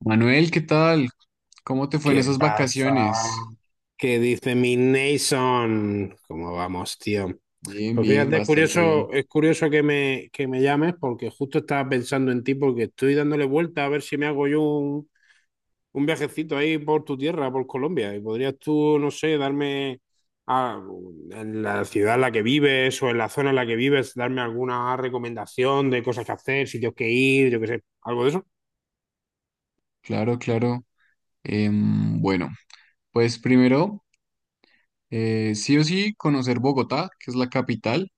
Manuel, ¿qué tal? ¿Cómo te fue en ¿Qué esas pasa? vacaciones? ¿Qué dice mi Nason? ¿Cómo vamos, tío? Bien, Pues bien, fíjate, bastante bien. Es curioso que me llames porque justo estaba pensando en ti porque estoy dándole vuelta a ver si me hago yo un viajecito ahí por tu tierra, por Colombia. Y podrías tú, no sé, darme a- en la ciudad en la que vives o en la zona en la que vives, darme alguna recomendación de cosas que hacer, sitios que ir, yo qué sé, algo de eso. Claro, claro. Bueno, pues primero, sí o sí, conocer Bogotá, que es la capital.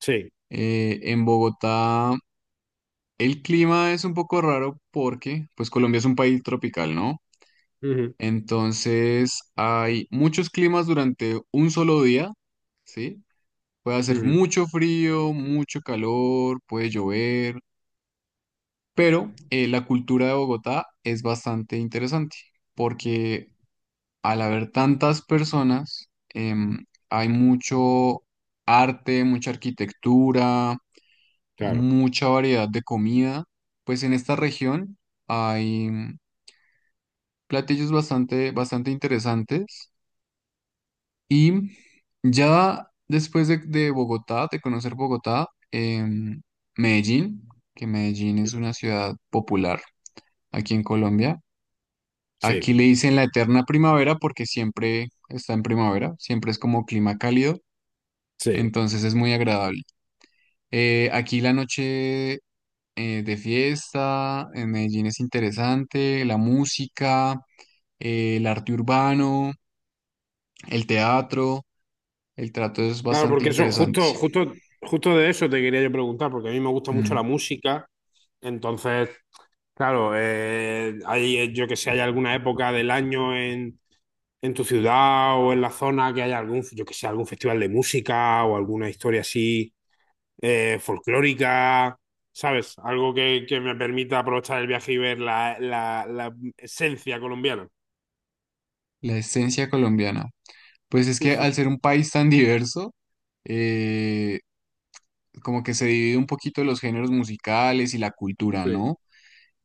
Sí. En Bogotá el clima es un poco raro porque, pues Colombia es un país tropical, ¿no? Ujú, Entonces hay muchos climas durante un solo día, ¿sí? Puede hacer ujú. mucho frío, mucho calor, puede llover. Pero la cultura de Bogotá es bastante interesante porque al haber tantas personas, em, hay mucho arte, mucha arquitectura, Claro. mucha variedad de comida. Pues en esta región hay platillos bastante, bastante interesantes. Y ya después de Bogotá, de conocer Bogotá, Medellín, que Medellín es una ciudad popular aquí en Colombia. Sí, Aquí le dicen la eterna primavera porque siempre está en primavera, siempre es como clima cálido, sí. entonces es muy agradable. Aquí la noche de fiesta en Medellín es interesante, la música, el arte urbano, el teatro, el trato es Claro, bastante porque eso, interesante. justo, justo, justo de eso te quería yo preguntar, porque a mí me gusta mucho la Mm. música. Entonces, claro, hay, yo que sé, hay alguna época del año en tu ciudad o en la zona que haya algún, yo que sé, algún festival de música o alguna historia así folclórica, ¿sabes? Algo que me permita aprovechar el viaje y ver la esencia colombiana. La esencia colombiana. Pues es que al ser un país tan diverso, eh, como que se divide un poquito los géneros musicales y la cultura, Sí, ¿no?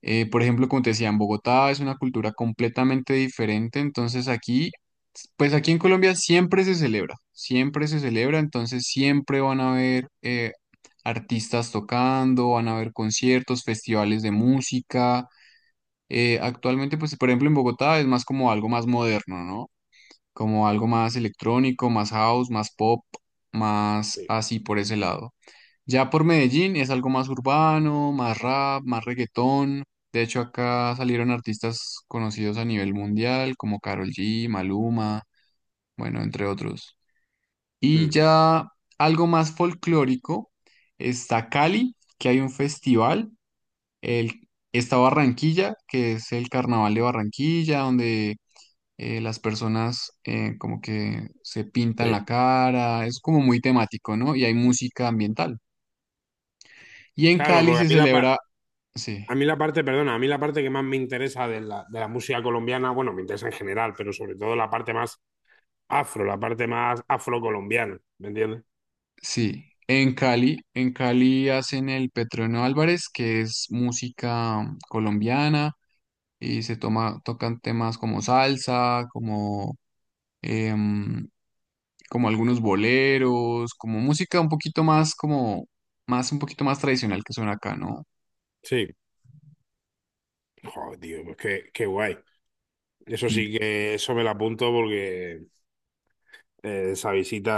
Por ejemplo, como te decía, en Bogotá es una cultura completamente diferente, entonces aquí, pues aquí en Colombia siempre se celebra, entonces siempre van a haber artistas tocando, van a haber conciertos, festivales de música. Actualmente, pues por ejemplo en Bogotá es más como algo más moderno, ¿no? Como algo más electrónico, más house, más pop, más sí. así por ese lado. Ya por Medellín es algo más urbano, más rap, más reggaetón. De hecho, acá salieron artistas conocidos a nivel mundial como Karol G, Maluma, bueno, entre otros. Y Mm, ya algo más folclórico está Cali, que hay un festival. El, está Barranquilla, que es el Carnaval de Barranquilla, donde las personas como que se pintan sí. la cara. Es como muy temático, ¿no? Y hay música ambiental. Y en Claro, Cali porque se celebra. Sí, a mí la parte, perdona, a mí la parte que más me interesa de la música colombiana, bueno, me interesa en general, pero sobre todo la parte más afro, la parte más afrocolombiana, ¿me entiendes? sí. En Cali hacen el Petreno Álvarez, que es música colombiana, y se toma, tocan temas como salsa, como, em, como algunos boleros, como música un poquito más, como, más, un poquito más tradicional que suena acá, ¿no? Sí, joder, tío, pues qué, qué guay. Eso Mm. sí que eso me lo apunto porque esa visita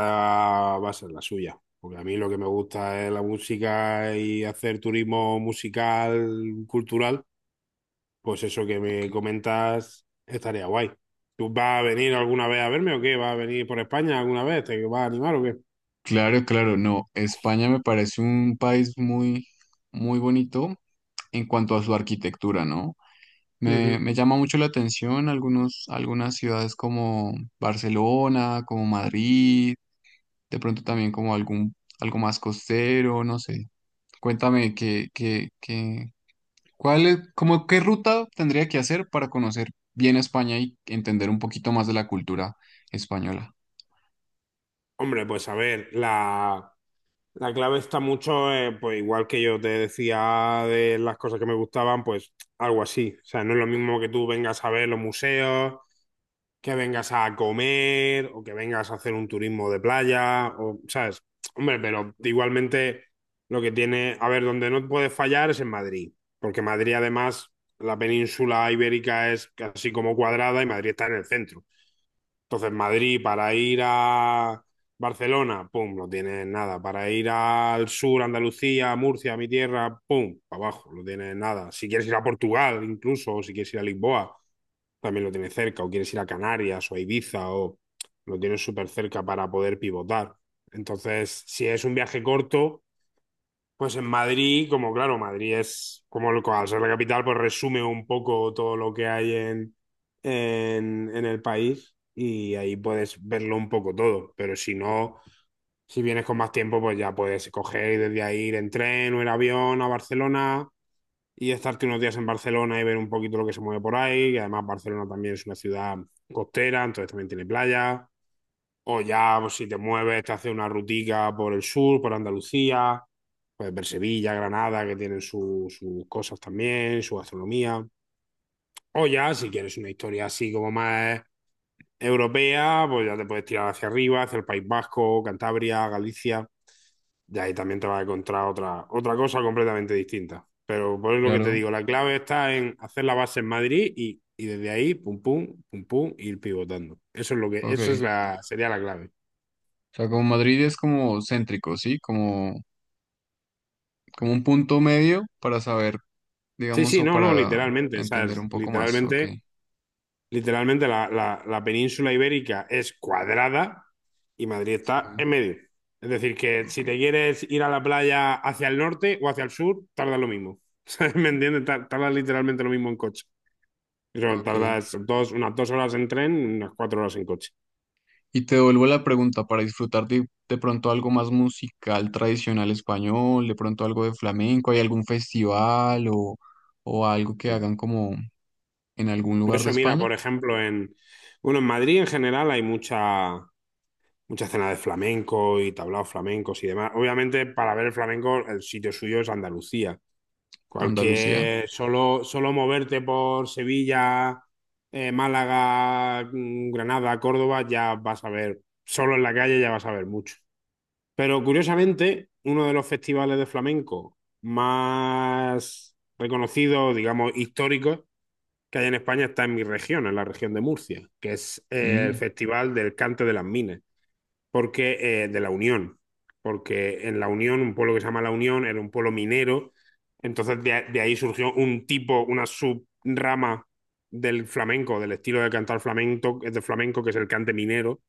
va a ser la suya. Porque a mí lo que me gusta es la música y hacer turismo musical, cultural. Pues eso que Ok. me comentas estaría guay. ¿Tú vas a venir alguna vez a verme o qué? ¿Vas a venir por España alguna vez? ¿Te vas a animar o qué? Claro, claro, no. España me parece un país muy, muy bonito en cuanto a su arquitectura, ¿no? Ujú. Me llama mucho la atención algunos, algunas ciudades como Barcelona, como Madrid, de pronto también como algún, algo más costero, no sé. Cuéntame qué cuál es, como qué ruta tendría que hacer para conocer bien España y entender un poquito más de la cultura española. Hombre, pues a ver, la clave está mucho, pues igual que yo te decía de las cosas que me gustaban, pues algo así. O sea, no es lo mismo que tú vengas a ver los museos, que vengas a comer o que vengas a hacer un turismo de playa, o, ¿sabes? Hombre, pero igualmente lo que tiene, a ver, donde no puedes fallar es en Madrid, porque Madrid además, la península ibérica es casi como cuadrada y Madrid está en el centro. Entonces, Madrid para ir a Barcelona, pum, no tienes nada. Para ir al sur, Andalucía, Murcia, mi tierra, pum, para abajo, no tienes nada. Si quieres ir a Portugal, incluso, o si quieres ir a Lisboa, también lo tienes cerca, o quieres ir a Canarias o a Ibiza, o lo tienes súper cerca para poder pivotar. Entonces, si es un viaje corto, pues en Madrid, como claro, Madrid es como al ser la capital, pues resume un poco todo lo que hay en el país y ahí puedes verlo un poco todo. Pero si no, si vienes con más tiempo, pues ya puedes coger y desde ahí ir en tren o en avión a Barcelona y estarte unos días en Barcelona y ver un poquito lo que se mueve por ahí. Y además Barcelona también es una ciudad costera, entonces también tiene playa. O ya, pues, si te mueves, te haces una rutica por el sur, por Andalucía, puedes ver Sevilla, Granada, que tienen sus cosas también, su gastronomía. O ya, si quieres una historia así como más europea, pues ya te puedes tirar hacia arriba, hacia el País Vasco, Cantabria, Galicia. Y ahí también te vas a encontrar otra cosa completamente distinta. Pero por lo que te Claro, digo, la clave está en hacer la base en Madrid y desde ahí, pum, pum, pum, pum, ir pivotando. Eso es lo que, ok. eso es la, sería la clave. O sea, como Madrid es como céntrico, ¿sí? Como, como un punto medio para saber, Sí, digamos, sí, o no, no, para literalmente, entender ¿sabes? un poco más, ok. Literalmente, literalmente la península ibérica es cuadrada, y Madrid está Sí. en medio. Es decir, que Ok, si te quieres ir a la playa hacia el norte o hacia el sur, tarda lo mismo. ¿Sabes? ¿Me entiendes? Tarda literalmente lo mismo en coche. Eso, ok. tardas dos, unas dos horas en tren, unas cuatro horas en coche. Y te devuelvo la pregunta, para disfrutar de pronto algo más musical tradicional español, de pronto algo de flamenco, ¿hay algún festival o algo que Mm. hagan como en algún Por lugar de eso, mira, España? por ejemplo, bueno, en Madrid en general hay mucha escena de flamenco y tablaos flamencos y demás. Obviamente, para ver el flamenco, el sitio suyo es Andalucía. Andalucía. Cualquier, solo moverte por Sevilla, Málaga, Granada, Córdoba, ya vas a ver, solo en la calle ya vas a ver mucho. Pero curiosamente, uno de los festivales de flamenco más reconocidos, digamos, históricos que hay en España está en mi región, en la región de Murcia, que es el Mm, Festival del Cante de las Minas porque de la Unión, porque en la Unión, un pueblo que se llama la Unión, era un pueblo minero, entonces de ahí surgió un tipo, una subrama del flamenco, del estilo de cantar flamenco, de flamenco que es el cante minero.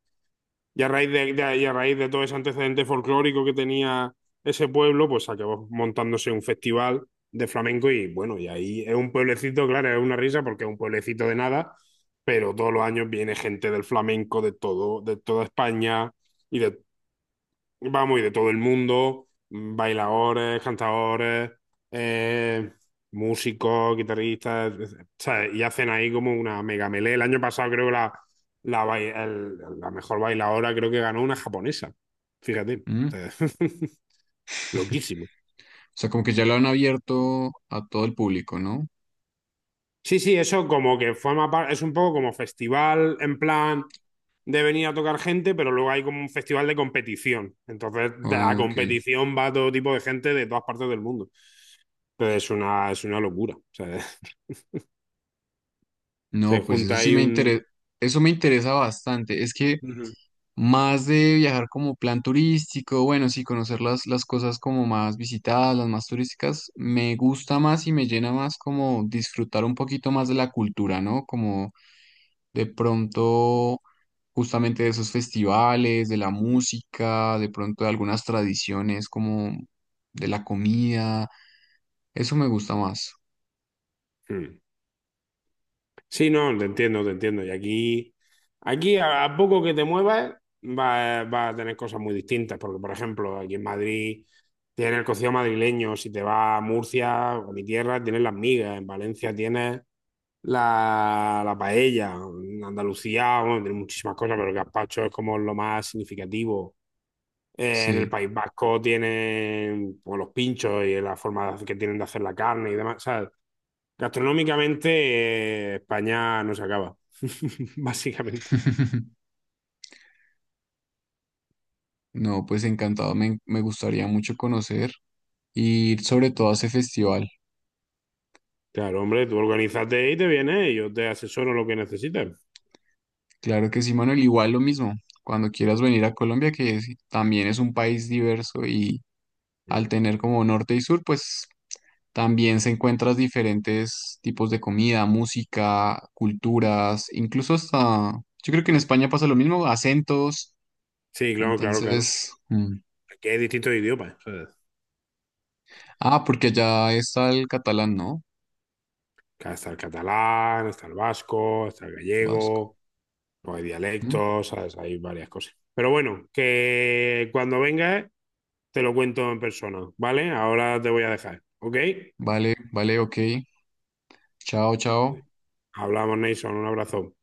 Y a raíz de y a raíz de todo ese antecedente folclórico que tenía ese pueblo, pues acabó montándose un festival de flamenco y bueno, y ahí es un pueblecito, claro, es una risa porque es un pueblecito de nada, pero todos los años viene gente del flamenco de todo, de toda España y de vamos, y de todo el mundo, bailadores, cantadores, eh, músicos, guitarristas, etc. ¿Sabes? Y hacen ahí como una mega melé. El año pasado creo que la mejor bailadora creo que ganó una japonesa. Fíjate. mm. O O sea, loquísimo. sea, como que ya lo han abierto a todo el público, ¿no? Sí, sí, eso como que forma parte, es un poco como festival en plan de venir a tocar gente, pero luego hay como un festival de competición. Entonces, a Ok. competición va todo tipo de gente de todas partes del mundo. Entonces es una locura. O sea, se No, pues eso junta sí ahí me un... interesa, eso me interesa bastante. Es que Ujú. más de viajar como plan turístico, bueno, sí, conocer las cosas como más visitadas, las más turísticas, me gusta más y me llena más como disfrutar un poquito más de la cultura, ¿no? Como de pronto justamente de esos festivales, de la música, de pronto de algunas tradiciones como de la comida, eso me gusta más, Mm. Sí, no, te entiendo, te entiendo. Y aquí, aquí a poco que te muevas, va a tener cosas muy distintas. Porque, por ejemplo, aquí en Madrid tienes el cocido madrileño. Si te vas a Murcia o a mi tierra, tienes las migas. En Valencia tienes la paella. En Andalucía, bueno, tienes muchísimas cosas, pero el gazpacho es como lo más significativo. En el sí. País Vasco tienen pues, los pinchos y la forma de hacer- que tienen de hacer la carne y demás. O sea, gastronómicamente, España no se acaba, básicamente. No, pues encantado, me gustaría mucho conocer y ir sobre todo a ese festival. Claro, hombre, tú organízate y te vienes y yo te asesoro lo que necesites. Claro que sí, Manuel, igual lo mismo. Cuando quieras venir a Colombia, que es- también es un país diverso y al Mm. tener como norte y sur, pues también se encuentras diferentes tipos de comida, música, culturas, incluso hasta, yo creo que en España pasa lo mismo, acentos. Sí, claro, claro, claro. Entonces, mm. Aquí hay distintos idiomas, ¿sabes? Ah, porque allá está el catalán, ¿no? Está el catalán, está el vasco, está el Vasco. gallego. O hay Mm. dialectos, ¿sabes? Hay varias cosas. Pero bueno, que cuando vengas te lo cuento en persona, ¿vale? Ahora te voy a dejar, ¿ok? Vale, vale, ok. Chao, chao. Hablamos, Nason, un abrazo.